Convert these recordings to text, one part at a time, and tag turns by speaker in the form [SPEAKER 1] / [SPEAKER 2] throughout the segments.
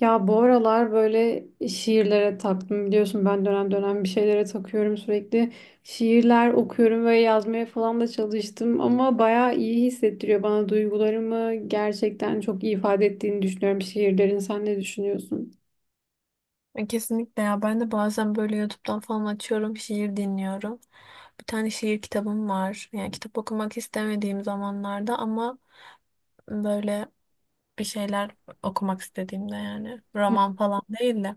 [SPEAKER 1] Ya bu aralar böyle şiirlere taktım biliyorsun ben dönem dönem bir şeylere takıyorum sürekli. Şiirler okuyorum ve yazmaya falan da çalıştım ama bayağı iyi hissettiriyor bana duygularımı gerçekten çok iyi ifade ettiğini düşünüyorum şiirlerin. Sen ne düşünüyorsun?
[SPEAKER 2] Kesinlikle ya ben de bazen böyle YouTube'dan falan açıyorum şiir dinliyorum. Bir tane şiir kitabım var. Yani kitap okumak istemediğim zamanlarda ama böyle bir şeyler okumak istediğimde yani roman falan değil de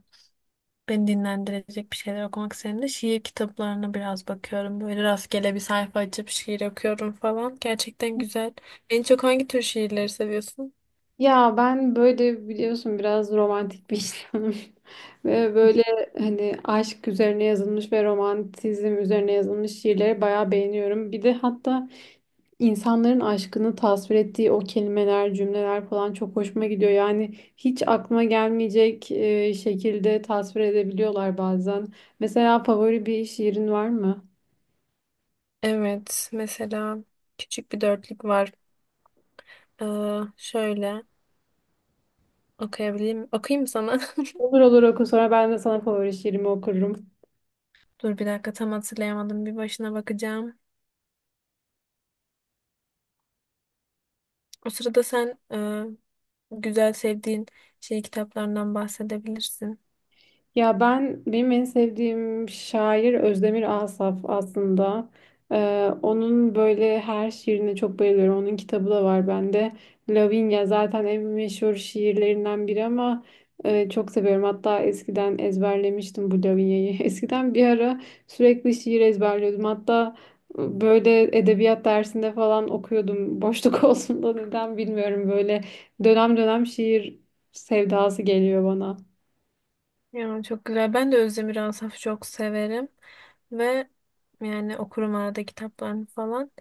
[SPEAKER 2] beni dinlendirecek bir şeyler okumak istediğimde şiir kitaplarına biraz bakıyorum. Böyle rastgele bir sayfa açıp şiir okuyorum falan. Gerçekten güzel. En çok hangi tür şiirleri seviyorsun?
[SPEAKER 1] Ya ben böyle biliyorsun biraz romantik bir insanım. Ve böyle hani aşk üzerine yazılmış ve romantizm üzerine yazılmış şiirleri bayağı beğeniyorum. Bir de hatta İnsanların aşkını tasvir ettiği o kelimeler, cümleler falan çok hoşuma gidiyor. Yani hiç aklıma gelmeyecek şekilde tasvir edebiliyorlar bazen. Mesela favori bir şiirin var mı?
[SPEAKER 2] Evet, mesela küçük bir dörtlük var. Ee, Şöyle. Okuyabilirim. Okuyayım mı sana?
[SPEAKER 1] Olur olur, oku, sonra ben de sana favori şiirimi okurum.
[SPEAKER 2] Dur bir dakika tam hatırlayamadım. Bir başına bakacağım. O sırada sen güzel sevdiğin şey kitaplarından bahsedebilirsin.
[SPEAKER 1] Ya ben benim en sevdiğim şair Özdemir Asaf aslında. Onun böyle her şiirine çok bayılıyorum. Onun kitabı da var bende. Lavinia zaten en meşhur şiirlerinden biri ama çok seviyorum. Hatta eskiden ezberlemiştim bu Lavinia'yı. Eskiden bir ara sürekli şiir ezberliyordum. Hatta böyle edebiyat dersinde falan okuyordum. Boşluk olsun da neden bilmiyorum. Böyle dönem dönem şiir sevdası geliyor bana.
[SPEAKER 2] Ya çok güzel. Ben de Özdemir Asaf'ı çok severim. Ve yani okurum arada kitaplarını falan.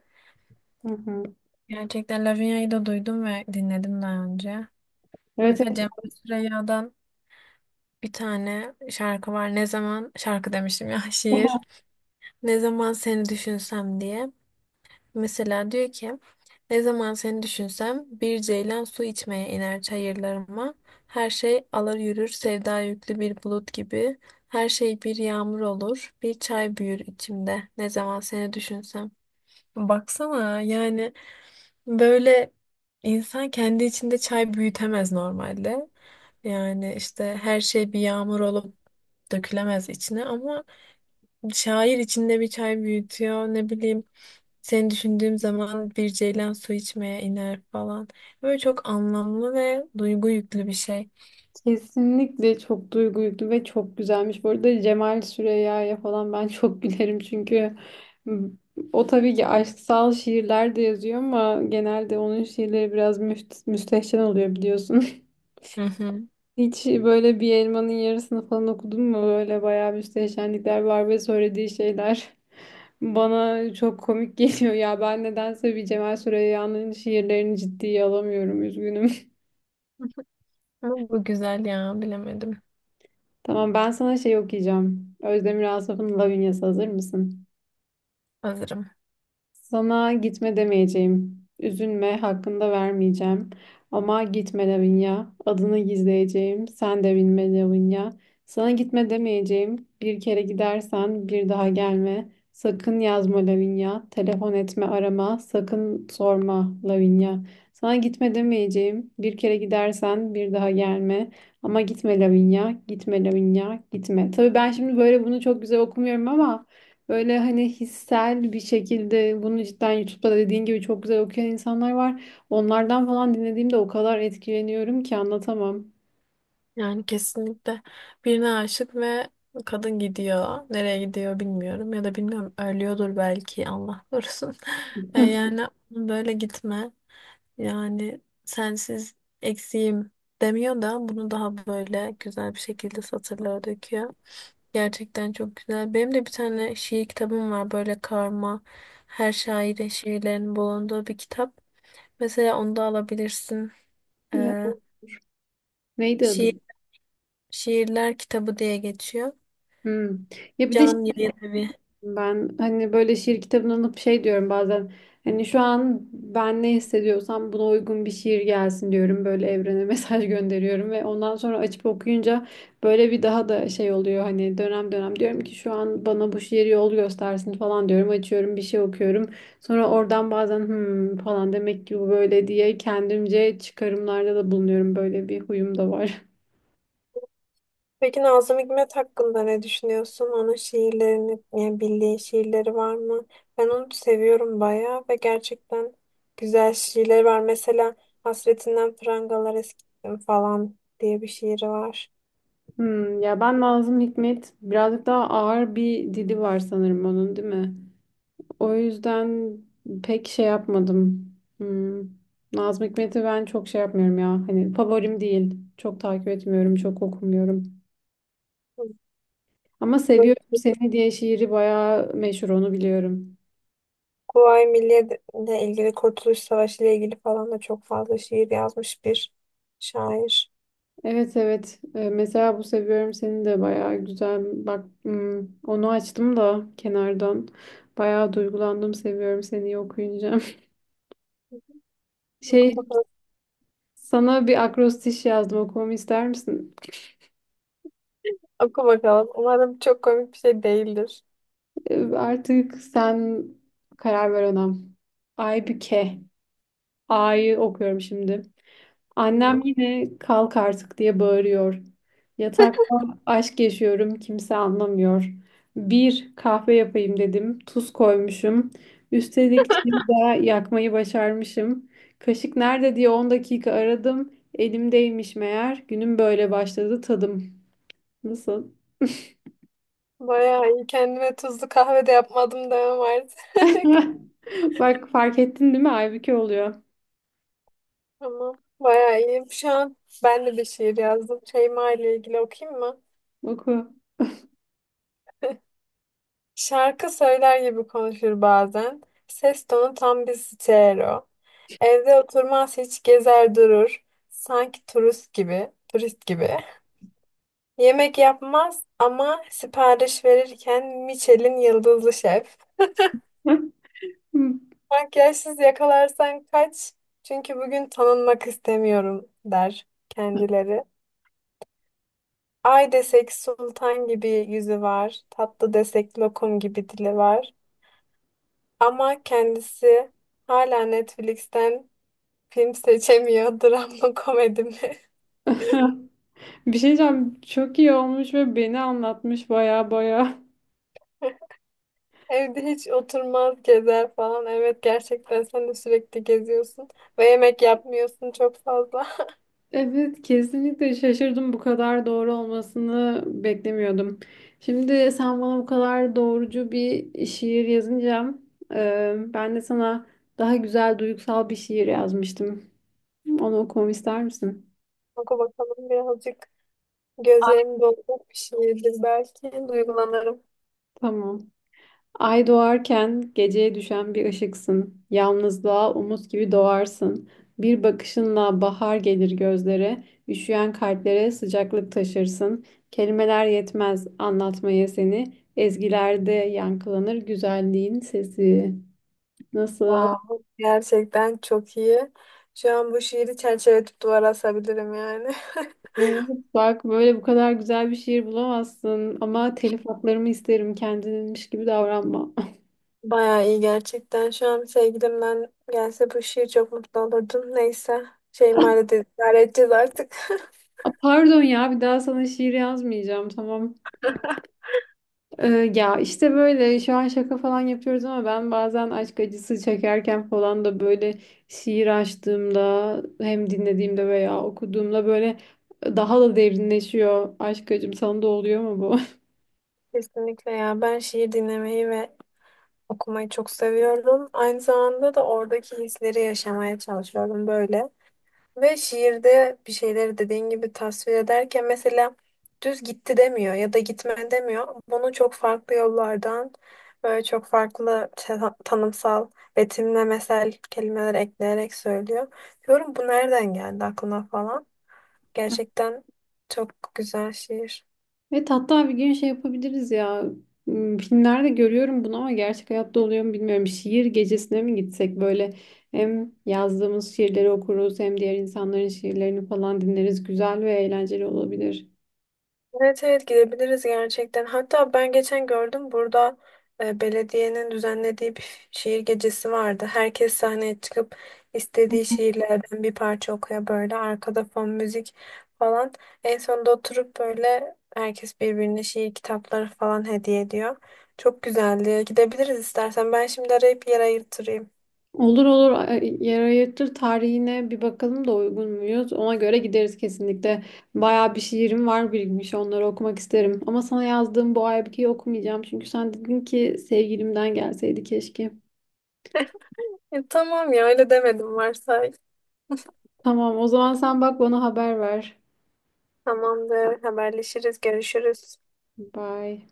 [SPEAKER 1] Hı hı.
[SPEAKER 2] Gerçekten Lavinia'yı da duydum ve dinledim daha önce.
[SPEAKER 1] Evet,
[SPEAKER 2] Mesela
[SPEAKER 1] evet.
[SPEAKER 2] Cem Süreyya'dan bir tane şarkı var. Ne zaman şarkı demiştim ya şiir. Ne zaman seni düşünsem diye. Mesela diyor ki ne zaman seni düşünsem bir ceylan su içmeye iner çayırlarıma. Her şey alır yürür sevda yüklü bir bulut gibi. Her şey bir yağmur olur bir çay büyür içimde ne zaman seni düşünsem. Baksana yani böyle insan kendi içinde çay büyütemez normalde. Yani işte her şey bir yağmur olup dökülemez içine ama şair içinde bir çay büyütüyor. Ne bileyim seni düşündüğüm zaman bir ceylan su içmeye iner falan. Böyle çok anlamlı ve duygu yüklü bir şey.
[SPEAKER 1] Kesinlikle çok duygu yüklü ve çok güzelmiş. Bu arada Cemal Süreyya'ya falan ben çok gülerim çünkü o tabii ki aşksal şiirler de yazıyor ama genelde onun şiirleri biraz müstehcen oluyor biliyorsun.
[SPEAKER 2] Hı hı.
[SPEAKER 1] Hiç böyle bir elmanın yarısını falan okudun mu? Böyle bayağı müstehcenlikler var ve söylediği şeyler bana çok komik geliyor ya. Ben nedense bir Cemal Süreyya'nın şiirlerini ciddiye alamıyorum. Üzgünüm.
[SPEAKER 2] Ama bu güzel ya bilemedim.
[SPEAKER 1] Tamam, ben sana şey okuyacağım. Özdemir Asaf'ın Lavinya'sı, hazır mısın?
[SPEAKER 2] Hazırım.
[SPEAKER 1] Sana gitme demeyeceğim. Üzülme, hakkında vermeyeceğim. Ama gitme Lavinia. Adını gizleyeceğim. Sen de bilme Lavinia. Sana gitme demeyeceğim. Bir kere gidersen bir daha gelme. Sakın yazma Lavinia. Telefon etme, arama. Sakın sorma Lavinia. Sana gitme demeyeceğim. Bir kere gidersen bir daha gelme. Ama gitme Lavinia. Gitme Lavinia. Gitme. Tabii ben şimdi böyle bunu çok güzel okumuyorum ama böyle hani hissel bir şekilde bunu cidden YouTube'da dediğin gibi çok güzel okuyan insanlar var. Onlardan falan dinlediğimde o kadar etkileniyorum ki anlatamam.
[SPEAKER 2] Yani kesinlikle birine aşık ve kadın gidiyor. Nereye gidiyor bilmiyorum ya da bilmiyorum ölüyordur belki Allah korusun. Yani böyle gitme. Yani sensiz eksiğim demiyor da bunu daha böyle güzel bir şekilde satırlara döküyor. Gerçekten çok güzel. Benim de bir tane şiir kitabım var böyle karma her şairin şiirlerinin bulunduğu bir kitap. Mesela onu da alabilirsin.
[SPEAKER 1] Ya,
[SPEAKER 2] Ee,
[SPEAKER 1] neydi adı?
[SPEAKER 2] Şiir, şiirler kitabı diye geçiyor.
[SPEAKER 1] Hmm. Ya bir de
[SPEAKER 2] Can yayın evi.
[SPEAKER 1] ben hani böyle şiir kitabını alıp şey diyorum bazen, hani şu an ben ne hissediyorsam buna uygun bir şiir gelsin diyorum, böyle evrene mesaj gönderiyorum ve ondan sonra açıp okuyunca böyle bir daha da şey oluyor, hani dönem dönem diyorum ki şu an bana bu şiir yol göstersin falan diyorum, açıyorum bir şey okuyorum, sonra oradan bazen hmm falan demek ki bu böyle diye kendimce çıkarımlarda da bulunuyorum, böyle bir huyum da var.
[SPEAKER 2] Peki Nazım Hikmet hakkında ne düşünüyorsun? Onun şiirlerini, yani bildiğin şiirleri var mı? Ben onu seviyorum bayağı ve gerçekten güzel şiirleri var. Mesela Hasretinden Prangalar Eskittim falan diye bir şiiri var.
[SPEAKER 1] Hmm, ya ben Nazım Hikmet birazcık daha ağır bir dili var sanırım onun, değil mi? O yüzden pek şey yapmadım. Hmm. Nazım Hikmet'i ben çok şey yapmıyorum ya. Hani favorim değil. Çok takip etmiyorum, çok okumuyorum. Ama
[SPEAKER 2] Böyle
[SPEAKER 1] Seviyorum Seni diye şiiri bayağı meşhur, onu biliyorum.
[SPEAKER 2] Kuvayi Milliye ile ilgili, Kurtuluş Savaşı ile ilgili falan da çok fazla şiir yazmış bir şair.
[SPEAKER 1] Evet, evet. Mesela bu Seviyorum Seni de bayağı güzel. Bak hmm, onu açtım da kenardan. Bayağı duygulandım Seviyorum Seni okuyunca. Şey,
[SPEAKER 2] Oku bakalım.
[SPEAKER 1] sana bir akrostiş yazdım, okumamı ister misin?
[SPEAKER 2] Oku bakalım. Umarım çok komik bir şey değildir.
[SPEAKER 1] Artık sen karar ver ona. Aybüke. A'yı okuyorum şimdi. Annem
[SPEAKER 2] Tamam.
[SPEAKER 1] yine kalk artık diye bağırıyor. Yatakta aşk yaşıyorum kimse anlamıyor. Bir kahve yapayım dedim. Tuz koymuşum. Üstelik çayı da yakmayı başarmışım. Kaşık nerede diye 10 dakika aradım. Elimdeymiş meğer. Günüm böyle başladı tadım. Nasıl?
[SPEAKER 2] Bayağı iyi. Kendime tuzlu kahve de yapmadım demem artık.
[SPEAKER 1] Bak fark ettin değil mi? Aybüke oluyor.
[SPEAKER 2] Tamam. Bayağı iyi. Şu an ben de bir şiir yazdım. Şeyma ile ilgili okuyayım mı?
[SPEAKER 1] Oku.
[SPEAKER 2] Şarkı söyler gibi konuşur bazen. Ses tonu tam bir stereo. Evde oturmaz hiç gezer durur. Sanki turist gibi. Turist gibi. Yemek yapmaz ama sipariş verirken Michelin yıldızlı şef. Makyajsız yakalarsan kaç. Çünkü bugün tanınmak istemiyorum der kendileri. Ay desek sultan gibi yüzü var. Tatlı desek lokum gibi dili var. Ama kendisi hala Netflix'ten film seçemiyor. Dram mı komedi mi?
[SPEAKER 1] Bir şey diyeceğim. Çok iyi olmuş ve beni anlatmış baya baya.
[SPEAKER 2] Evde hiç oturmaz gezer falan. Evet gerçekten sen de sürekli geziyorsun. Ve yemek yapmıyorsun çok fazla.
[SPEAKER 1] Evet, kesinlikle şaşırdım. Bu kadar doğru olmasını beklemiyordum. Şimdi sen bana bu kadar doğrucu bir şiir yazınca ben de sana daha güzel duygusal bir şiir yazmıştım. Onu okumamı ister misin?
[SPEAKER 2] Oku bakalım birazcık gözlerim dolacak bir şeydir belki. Duygulanırım.
[SPEAKER 1] Tamam. Ay doğarken geceye düşen bir ışıksın. Yalnızlığa umut gibi doğarsın. Bir bakışınla bahar gelir gözlere, üşüyen kalplere sıcaklık taşırsın. Kelimeler yetmez anlatmaya seni. Ezgilerde yankılanır güzelliğin sesi. Nasıl?
[SPEAKER 2] Wow, gerçekten çok iyi. Şu an bu şiiri çerçeveletip duvara asabilirim yani.
[SPEAKER 1] Bak böyle bu kadar güzel bir şiir bulamazsın, ama telif haklarımı isterim, kendinmiş gibi davranma.
[SPEAKER 2] Bayağı iyi gerçekten. Şu an sevgilimden gelse bu şiir çok mutlu olurdum. Neyse. Şeyma ile de idare edeceğiz artık.
[SPEAKER 1] Aa, pardon ya, bir daha sana şiir yazmayacağım tamam. Ya işte böyle şu an şaka falan yapıyoruz ama ben bazen aşk acısı çekerken falan da böyle şiir açtığımda hem dinlediğimde veya okuduğumda böyle daha da derinleşiyor aşk acım, sana da oluyor mu bu?
[SPEAKER 2] Kesinlikle ya. Ben şiir dinlemeyi ve okumayı çok seviyorum. Aynı zamanda da oradaki hisleri yaşamaya çalışıyorum böyle. Ve şiirde bir şeyleri dediğin gibi tasvir ederken mesela düz gitti demiyor ya da gitme demiyor. Bunu çok farklı yollardan böyle çok farklı tanımsal, betimlemesel kelimeler ekleyerek söylüyor. Diyorum bu nereden geldi aklına falan. Gerçekten çok güzel şiir.
[SPEAKER 1] Evet, hatta bir gün şey yapabiliriz ya. Hmm, filmlerde görüyorum bunu ama gerçek hayatta oluyor mu bilmiyorum, şiir gecesine mi gitsek, böyle hem yazdığımız şiirleri okuruz hem diğer insanların şiirlerini falan dinleriz, güzel ve eğlenceli olabilir.
[SPEAKER 2] Evet evet gidebiliriz gerçekten. Hatta ben geçen gördüm burada belediyenin düzenlediği bir şiir gecesi vardı. Herkes sahneye çıkıp istediği şiirlerden bir parça okuyor böyle arkada fon müzik falan. En sonunda oturup böyle herkes birbirine şiir kitapları falan hediye ediyor. Çok güzeldi. Gidebiliriz istersen. Ben şimdi arayıp yer ayırtırayım.
[SPEAKER 1] Olur olur, yer ayırtır tarihine bir bakalım da uygun muyuz? Ona göre gideriz kesinlikle. Bayağı bir şiirim var birikmiş, onları okumak isterim. Ama sana yazdığım bu aybükeyi okumayacağım. Çünkü sen dedin ki sevgilimden gelseydi keşke.
[SPEAKER 2] Tamam ya öyle demedim varsa.
[SPEAKER 1] Tamam, o zaman sen bak bana haber ver.
[SPEAKER 2] Tamamdır. Haberleşiriz, görüşürüz.
[SPEAKER 1] Bye.